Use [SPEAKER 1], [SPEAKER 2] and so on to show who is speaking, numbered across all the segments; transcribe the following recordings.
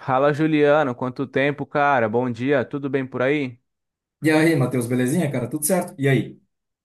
[SPEAKER 1] Fala, Juliano, quanto tempo, cara? Bom dia, tudo bem por aí?
[SPEAKER 2] E aí, Matheus, belezinha, cara? Tudo certo? E aí?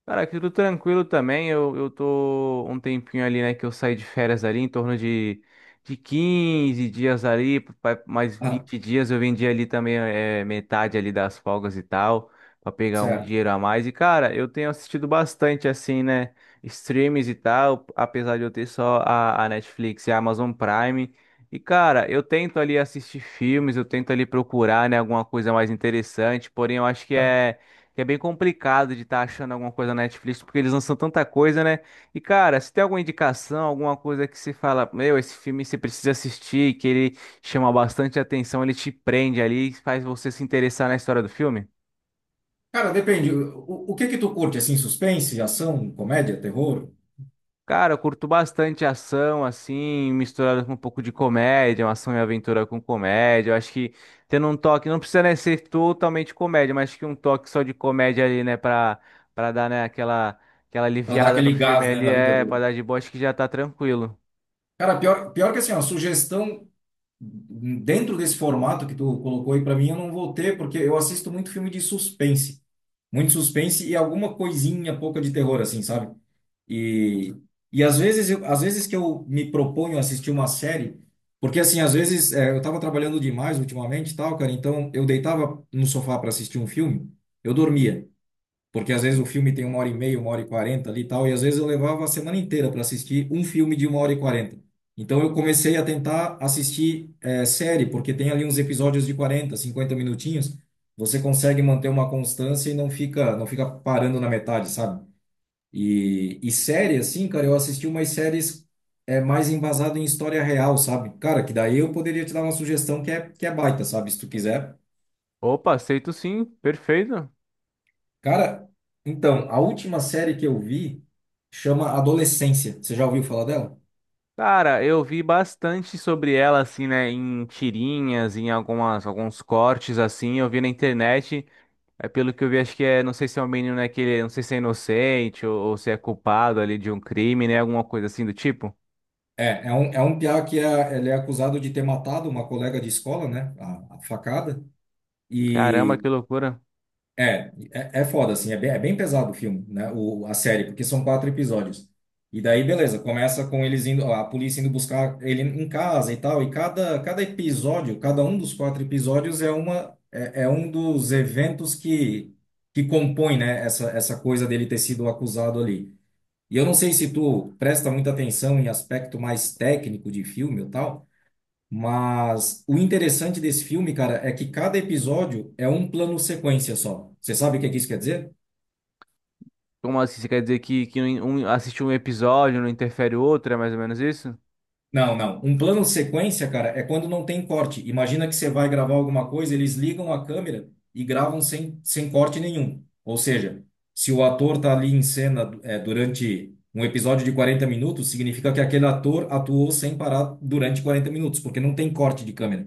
[SPEAKER 1] Cara, aqui tudo tranquilo também. Eu tô um tempinho ali, né? Que eu saí de férias ali, em torno de 15 dias ali, mais
[SPEAKER 2] Ah,
[SPEAKER 1] 20 dias. Eu vendi ali também é, metade ali das folgas e tal, pra pegar um
[SPEAKER 2] certo.
[SPEAKER 1] dinheiro a mais. E, cara, eu tenho assistido bastante, assim, né? Streams e tal, apesar de eu ter só a Netflix e a Amazon Prime. E, cara, eu tento ali assistir filmes, eu tento ali procurar, né? Alguma coisa mais interessante, porém eu acho que é bem complicado de estar achando alguma coisa na Netflix, porque eles lançam tanta coisa, né? E, cara, se tem alguma indicação, alguma coisa que você fala, meu, esse filme você precisa assistir, que ele chama bastante atenção, ele te prende ali e faz você se interessar na história do filme?
[SPEAKER 2] Cara, depende. O que que tu curte, assim, suspense, ação, comédia, terror?
[SPEAKER 1] Cara, eu curto bastante ação, assim, misturada com um pouco de comédia, uma ação e aventura com comédia. Eu acho que tendo um toque, não precisa, né, ser totalmente comédia, mas acho que um toque só de comédia ali, né, pra dar, né, aquela, aquela
[SPEAKER 2] Pra dar
[SPEAKER 1] aliviada no
[SPEAKER 2] aquele
[SPEAKER 1] filme
[SPEAKER 2] gás, né,
[SPEAKER 1] ali,
[SPEAKER 2] na vida
[SPEAKER 1] é, pra
[SPEAKER 2] do.
[SPEAKER 1] dar de boa, acho que já tá tranquilo.
[SPEAKER 2] Cara, pior, pior que assim, ó, sugestão dentro desse formato que tu colocou aí pra mim, eu não vou ter, porque eu assisto muito filme de suspense. Muito suspense e alguma coisinha pouca de terror, assim, sabe? E, e às vezes, às vezes que eu me proponho a assistir uma série, porque assim, às vezes eu estava trabalhando demais ultimamente, e tal, cara, então eu deitava no sofá para assistir um filme, eu dormia, porque às vezes o filme tem uma hora e meia, uma hora e quarenta ali e tal, e às vezes eu levava a semana inteira para assistir um filme de uma hora e quarenta. Então eu comecei a tentar assistir série, porque tem ali uns episódios de 40 50 minutinhos, você consegue manter uma constância e não fica parando na metade, sabe? E série, assim, cara, eu assisti umas séries mais embasado em história real, sabe? Cara, que daí eu poderia te dar uma sugestão que é baita, sabe? Se tu quiser.
[SPEAKER 1] Opa, aceito sim, perfeito.
[SPEAKER 2] Cara, então, a última série que eu vi chama Adolescência. Você já ouviu falar dela?
[SPEAKER 1] Cara, eu vi bastante sobre ela, assim, né, em tirinhas, em algumas, alguns cortes, assim, eu vi na internet. É pelo que eu vi, acho que é, não sei se é um menino, né, que não sei se é inocente ou se é culpado ali de um crime, né, alguma coisa assim do tipo.
[SPEAKER 2] É, é um piá ele é acusado de ter matado uma colega de escola, né? A facada.
[SPEAKER 1] Caramba,
[SPEAKER 2] E,
[SPEAKER 1] que loucura.
[SPEAKER 2] é foda, assim, é bem pesado o filme, né? A série, porque são quatro episódios. E daí, beleza, começa com eles indo, a polícia indo buscar ele em casa e tal. E cada episódio, cada um dos quatro episódios é uma, é, é um dos eventos que compõe, né, essa coisa dele ter sido acusado ali. E eu não sei se tu presta muita atenção em aspecto mais técnico de filme ou tal, mas o interessante desse filme, cara, é que cada episódio é um plano sequência só. Você sabe o que é que isso quer dizer?
[SPEAKER 1] Como assim, você quer dizer que, assistir um episódio não interfere o outro, é mais ou menos isso?
[SPEAKER 2] Não, não. Um plano sequência, cara, é quando não tem corte. Imagina que você vai gravar alguma coisa, eles ligam a câmera e gravam sem corte nenhum. Ou seja, se o ator tá ali em cena durante um episódio de 40 minutos, significa que aquele ator atuou sem parar durante 40 minutos, porque não tem corte de câmera.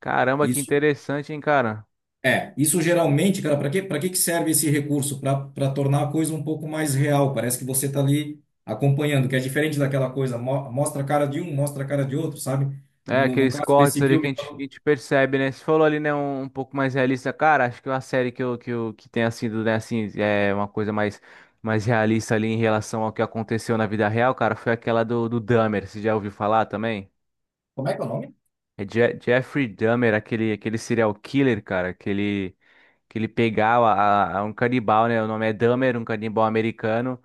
[SPEAKER 1] Caramba, que
[SPEAKER 2] Isso.
[SPEAKER 1] interessante, hein, cara.
[SPEAKER 2] É, isso geralmente, cara, para quê? Para que que serve esse recurso? Para tornar a coisa um pouco mais real. Parece que você está ali acompanhando, que é diferente daquela coisa, mo- mostra a cara de um, mostra a cara de outro, sabe?
[SPEAKER 1] É,
[SPEAKER 2] No
[SPEAKER 1] aqueles
[SPEAKER 2] caso
[SPEAKER 1] cortes
[SPEAKER 2] desse
[SPEAKER 1] ali que
[SPEAKER 2] filme,
[SPEAKER 1] a gente, que a gente percebe, né? Você falou ali, né, um pouco mais realista. Cara, acho que uma série que tenha sido, né, assim, é uma coisa mais, mais realista ali em relação ao que aconteceu na vida real, cara, foi aquela do Dahmer. Você já ouviu falar também?
[SPEAKER 2] como é que é o nome?
[SPEAKER 1] É Jeffrey Dahmer, aquele, aquele serial killer, cara, que ele pegava um canibal, né? O nome é Dahmer, um canibal americano.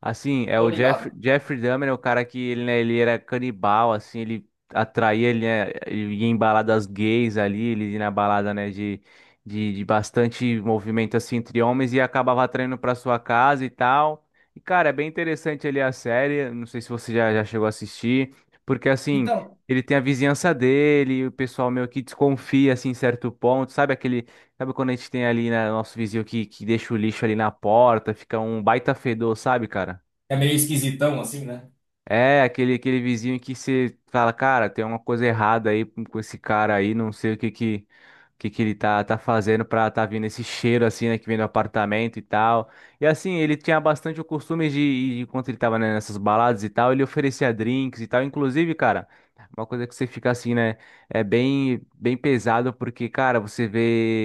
[SPEAKER 1] Assim, é
[SPEAKER 2] Tô
[SPEAKER 1] o Jeff,
[SPEAKER 2] ligado.
[SPEAKER 1] Jeffrey Dahmer, é o cara que ele, né, ele era canibal, assim, ele atraía, ele, né, ele ia em baladas gays ali, ele ia na balada, né, de bastante movimento, assim, entre homens e acabava atraindo pra sua casa e tal. E, cara, é bem interessante ali a série, não sei se você já, já chegou a assistir, porque, assim...
[SPEAKER 2] Então,
[SPEAKER 1] Ele tem a vizinhança dele, o pessoal meio que desconfia assim em certo ponto, sabe aquele, sabe quando a gente tem ali, né, nosso vizinho que deixa o lixo ali na porta, fica um baita fedor, sabe, cara?
[SPEAKER 2] é meio esquisitão assim, né?
[SPEAKER 1] É, aquele, aquele vizinho que você fala, cara, tem uma coisa errada aí com esse cara aí, não sei o que que ele tá, tá fazendo pra tá vindo esse cheiro assim, né, que vem do apartamento e tal. E assim, ele tinha bastante o costume de quando ele tava, né, nessas baladas e tal, ele oferecia drinks e tal. Inclusive, cara, uma coisa que você fica assim, né, é bem, bem pesado, porque, cara, você vê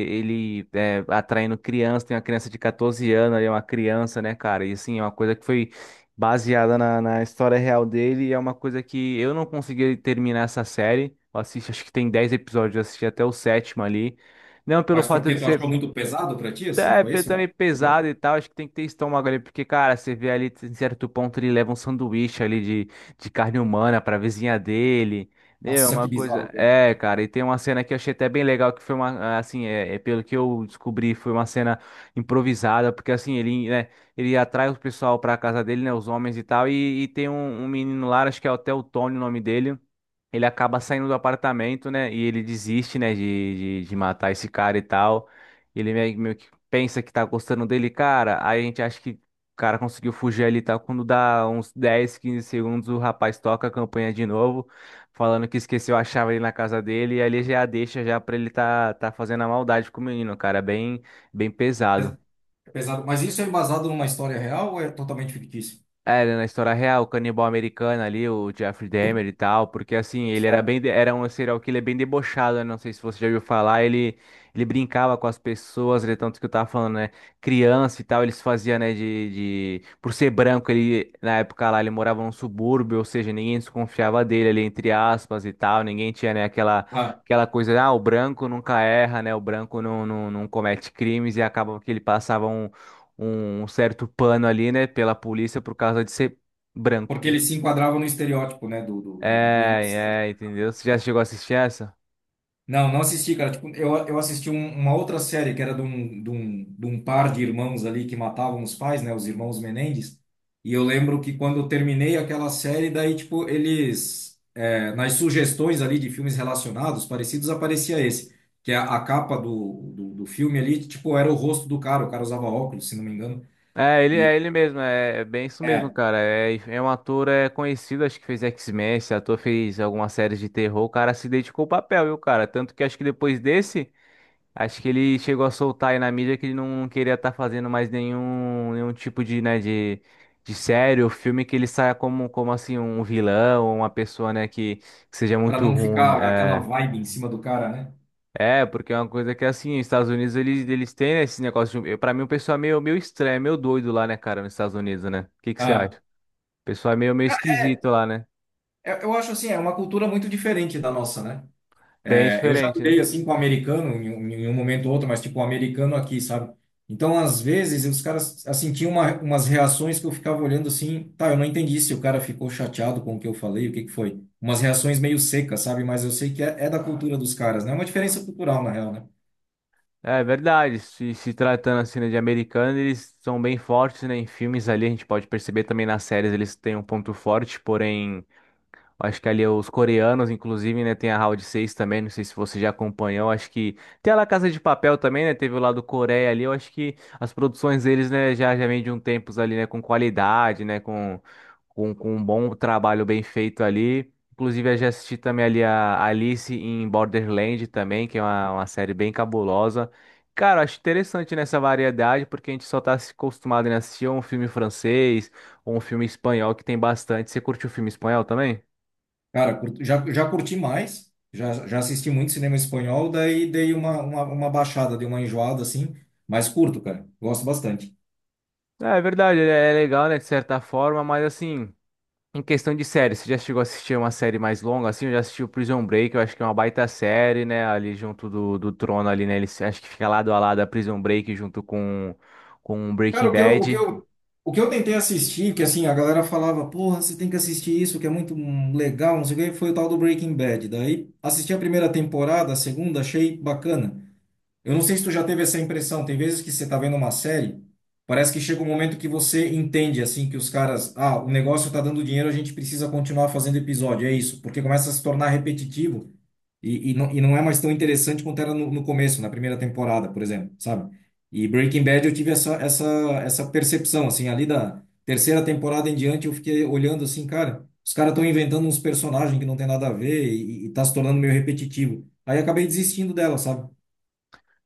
[SPEAKER 1] atraindo criança, tem uma criança de 14 anos ali, uma criança, né, cara, e assim, é uma coisa que foi baseada na, na história real dele, e é uma coisa que eu não consegui terminar essa série. Eu assisti, acho que tem 10 episódios, eu assisti até o sétimo ali. Não pelo
[SPEAKER 2] Mas
[SPEAKER 1] fato
[SPEAKER 2] porque
[SPEAKER 1] de
[SPEAKER 2] tu achou
[SPEAKER 1] ser
[SPEAKER 2] muito pesado para ti, assim?
[SPEAKER 1] é,
[SPEAKER 2] Foi
[SPEAKER 1] pe-
[SPEAKER 2] esse
[SPEAKER 1] Também
[SPEAKER 2] o
[SPEAKER 1] é
[SPEAKER 2] problema?
[SPEAKER 1] pesado e tal, acho que tem que ter estômago ali, porque, cara, você vê ali, em certo ponto, ele leva um sanduíche ali de carne humana pra vizinha dele, meu, é
[SPEAKER 2] Nossa,
[SPEAKER 1] uma
[SPEAKER 2] que
[SPEAKER 1] coisa...
[SPEAKER 2] bizarro, cara.
[SPEAKER 1] É, cara, e tem uma cena que eu achei até bem legal, que foi uma, assim, é, é pelo que eu descobri, foi uma cena improvisada, porque, assim, ele, né, ele atrai o pessoal pra casa dele, né, os homens e tal, e tem um menino lá, acho que é até o Tony o nome dele, ele acaba saindo do apartamento, né? E ele desiste, né, de matar esse cara e tal. Ele meio, meio que pensa que tá gostando dele, cara. Aí a gente acha que o cara conseguiu fugir ali e tal. Quando dá uns 10, 15 segundos, o rapaz toca a campanha de novo, falando que esqueceu a chave ali na casa dele. E ali já deixa já pra ele tá, tá fazendo a maldade com o menino, cara. Bem, bem
[SPEAKER 2] É pes-
[SPEAKER 1] pesado.
[SPEAKER 2] é pesado. Mas isso é embasado numa história real ou é totalmente fictício?
[SPEAKER 1] É, né, na história real, o canibal americano ali, o Jeffrey Dahmer e tal, porque assim, ele era
[SPEAKER 2] Certo.
[SPEAKER 1] bem, era um serial killer bem debochado, né? Não sei se você já ouviu falar, ele brincava com as pessoas, ele, tanto que eu tava falando, né? Criança e tal, eles faziam, né, Por ser branco, ele, na época lá, ele morava num subúrbio, ou seja, ninguém desconfiava dele ali, entre aspas e tal, ninguém tinha, né, aquela...
[SPEAKER 2] Ah,
[SPEAKER 1] Aquela coisa, ah, o branco nunca erra, né? O branco não comete crimes e acaba que ele passava um certo pano ali, né, pela polícia por causa de ser branco.
[SPEAKER 2] porque ele se enquadrava no estereótipo, né, do, do, do inocente.
[SPEAKER 1] É, é, entendeu? Você já chegou a assistir essa?
[SPEAKER 2] Não, não assisti, cara. Tipo, eu assisti uma outra série que era de um par de irmãos ali que matavam os pais, né? Os irmãos Menendez. E eu lembro que quando eu terminei aquela série, daí, tipo, eles, nas sugestões ali de filmes relacionados, parecidos, aparecia esse, que é a capa do filme ali, tipo, era o rosto do cara. O cara usava óculos, se não me engano. E
[SPEAKER 1] É ele mesmo, é, é bem isso mesmo,
[SPEAKER 2] é,
[SPEAKER 1] cara. É, é um ator é conhecido, acho que fez X-Men, esse ator fez algumas séries de terror, o cara se dedicou ao papel, viu, cara? Tanto que acho que depois desse, acho que ele chegou a soltar aí na mídia que ele não queria estar fazendo mais nenhum, nenhum tipo de, né, de série ou filme que ele saia como, como assim, um vilão, uma pessoa, né, que seja
[SPEAKER 2] para
[SPEAKER 1] muito
[SPEAKER 2] não
[SPEAKER 1] ruim.
[SPEAKER 2] ficar aquela
[SPEAKER 1] É.
[SPEAKER 2] vibe em cima do cara, né?
[SPEAKER 1] É, porque é uma coisa que assim, os Estados Unidos eles, eles têm né, esse negócio de. Pra mim, o pessoal é meio, meio estranho, é meio doido lá, né, cara, nos Estados Unidos, né? O que que você acha?
[SPEAKER 2] Ah,
[SPEAKER 1] O pessoal é meio, meio esquisito lá, né?
[SPEAKER 2] eu acho assim, é uma cultura muito diferente da nossa, né?
[SPEAKER 1] Bem
[SPEAKER 2] É, eu já
[SPEAKER 1] diferente, né?
[SPEAKER 2] lidei assim com o americano em um momento ou outro, mas tipo o americano aqui, sabe? Então, às vezes, os caras assim tinham umas reações que eu ficava olhando assim, tá, eu não entendi se o cara ficou chateado com o que eu falei, o que que foi? Umas reações meio secas, sabe? Mas eu sei que é da cultura dos caras, né? É uma diferença cultural, na real, né?
[SPEAKER 1] É verdade. Se tratando assim, né, de americano, eles são bem fortes, né? Em filmes ali, a gente pode perceber também nas séries eles têm um ponto forte, porém. Acho que ali é os coreanos, inclusive, né, tem a Round Seis também, não sei se você já acompanhou, acho que tem a La Casa de Papel também, né, teve o lado Coreia ali, eu acho que as produções deles, né, já, já vem de um tempos ali, né, com qualidade, né, com, com um bom trabalho bem feito ali. Inclusive, eu já assisti também ali a Alice em Borderland também, que é uma série bem cabulosa. Cara, eu acho interessante nessa variedade, porque a gente só tá se acostumado, né, a assistir um filme francês ou um filme espanhol que tem bastante. Você curtiu o filme espanhol também?
[SPEAKER 2] Cara, já curti mais, já assisti muito cinema espanhol, daí dei uma baixada, dei uma enjoada assim, mas curto, cara, gosto bastante.
[SPEAKER 1] É é verdade, é é legal, né, de certa forma, mas assim, em questão de série, você já chegou a assistir uma série mais longa, assim, eu já assisti o Prison Break, eu acho que é uma baita série, né, ali junto do Trono ali, né, ele se- acho que fica lado a lado a Prison Break junto com Breaking
[SPEAKER 2] Cara, o que eu, o que
[SPEAKER 1] Bad.
[SPEAKER 2] eu, o que eu tentei assistir, que assim, a galera falava, porra, você tem que assistir isso, que é muito legal, não sei o quê, foi o tal do Breaking Bad. Daí assisti a primeira temporada, a segunda, achei bacana. Eu não sei se tu já teve essa impressão. Tem vezes que você tá vendo uma série, parece que chega um momento que você entende, assim, que os caras, ah, o negócio tá dando dinheiro, a gente precisa continuar fazendo episódio. É isso, porque começa a se tornar repetitivo e não é mais tão interessante quanto era no começo, na primeira temporada, por exemplo, sabe? E Breaking Bad eu tive essa percepção, assim, ali da terceira temporada em diante eu fiquei olhando assim, cara, os caras estão inventando uns personagens que não tem nada a ver e tá se tornando meio repetitivo. Aí acabei desistindo dela, sabe?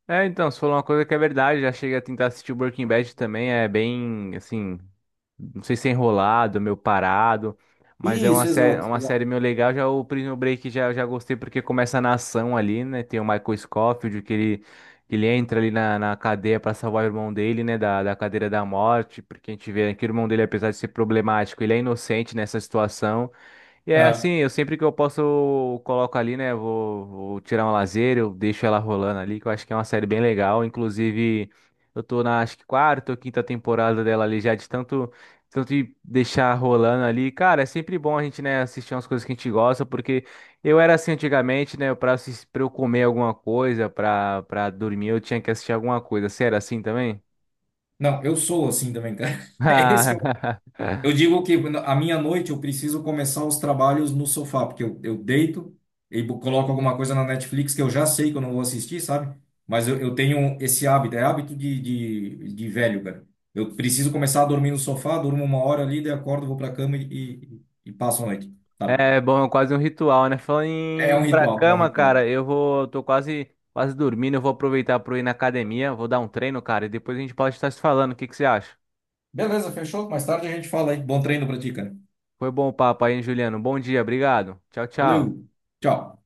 [SPEAKER 1] É, então, você falou uma coisa que é verdade, já cheguei a tentar assistir o Breaking Bad também, é bem, assim, não sei se é enrolado, meio parado. Mas é
[SPEAKER 2] Isso, exato,
[SPEAKER 1] uma
[SPEAKER 2] exato.
[SPEAKER 1] série meio legal. Já o Prison Break já, já gostei porque começa na ação ali, né? Tem o Michael Scofield que ele entra ali na, na cadeia para salvar o irmão dele, né? Da cadeira da morte. Porque a gente vê que o irmão dele, apesar de ser problemático, ele é inocente nessa situação. E é
[SPEAKER 2] Ah,
[SPEAKER 1] assim, eu sempre que eu posso eu coloco ali, né? Vou, vou tirar um lazer, eu deixo ela rolando ali, que eu acho que é uma série bem legal. Inclusive, eu tô na acho que quarta ou quinta temporada dela ali já de tanto, tanto de deixar rolando ali. Cara, é sempre bom a gente, né, assistir umas coisas que a gente gosta, porque eu era assim antigamente, né? Pra, pra eu comer alguma coisa, pra dormir, eu tinha que assistir alguma coisa. Sério, assim também?
[SPEAKER 2] não, eu sou assim também, cara. É esse que eu, eu digo que a minha noite eu preciso começar os trabalhos no sofá, porque eu deito e coloco alguma coisa na Netflix que eu já sei que eu não vou assistir, sabe? Mas eu tenho esse hábito, é hábito de velho, cara. Eu preciso começar a dormir no sofá, durmo uma hora ali, daí acordo, vou pra cama e passo a noite, sabe?
[SPEAKER 1] É bom, é quase um ritual, né? Falando em
[SPEAKER 2] É um
[SPEAKER 1] ir pra
[SPEAKER 2] ritual, é um
[SPEAKER 1] cama,
[SPEAKER 2] ritual.
[SPEAKER 1] cara, eu vou, tô quase, quase dormindo, eu vou aproveitar pra eu ir na academia, vou dar um treino, cara, e depois a gente pode estar se falando, o que que você acha?
[SPEAKER 2] Beleza, fechou? Mais tarde a gente fala aí. Bom treino pra ti, cara.
[SPEAKER 1] Foi bom o papo aí, hein, Juliano? Bom dia, obrigado. Tchau,
[SPEAKER 2] Valeu,
[SPEAKER 1] tchau.
[SPEAKER 2] tchau.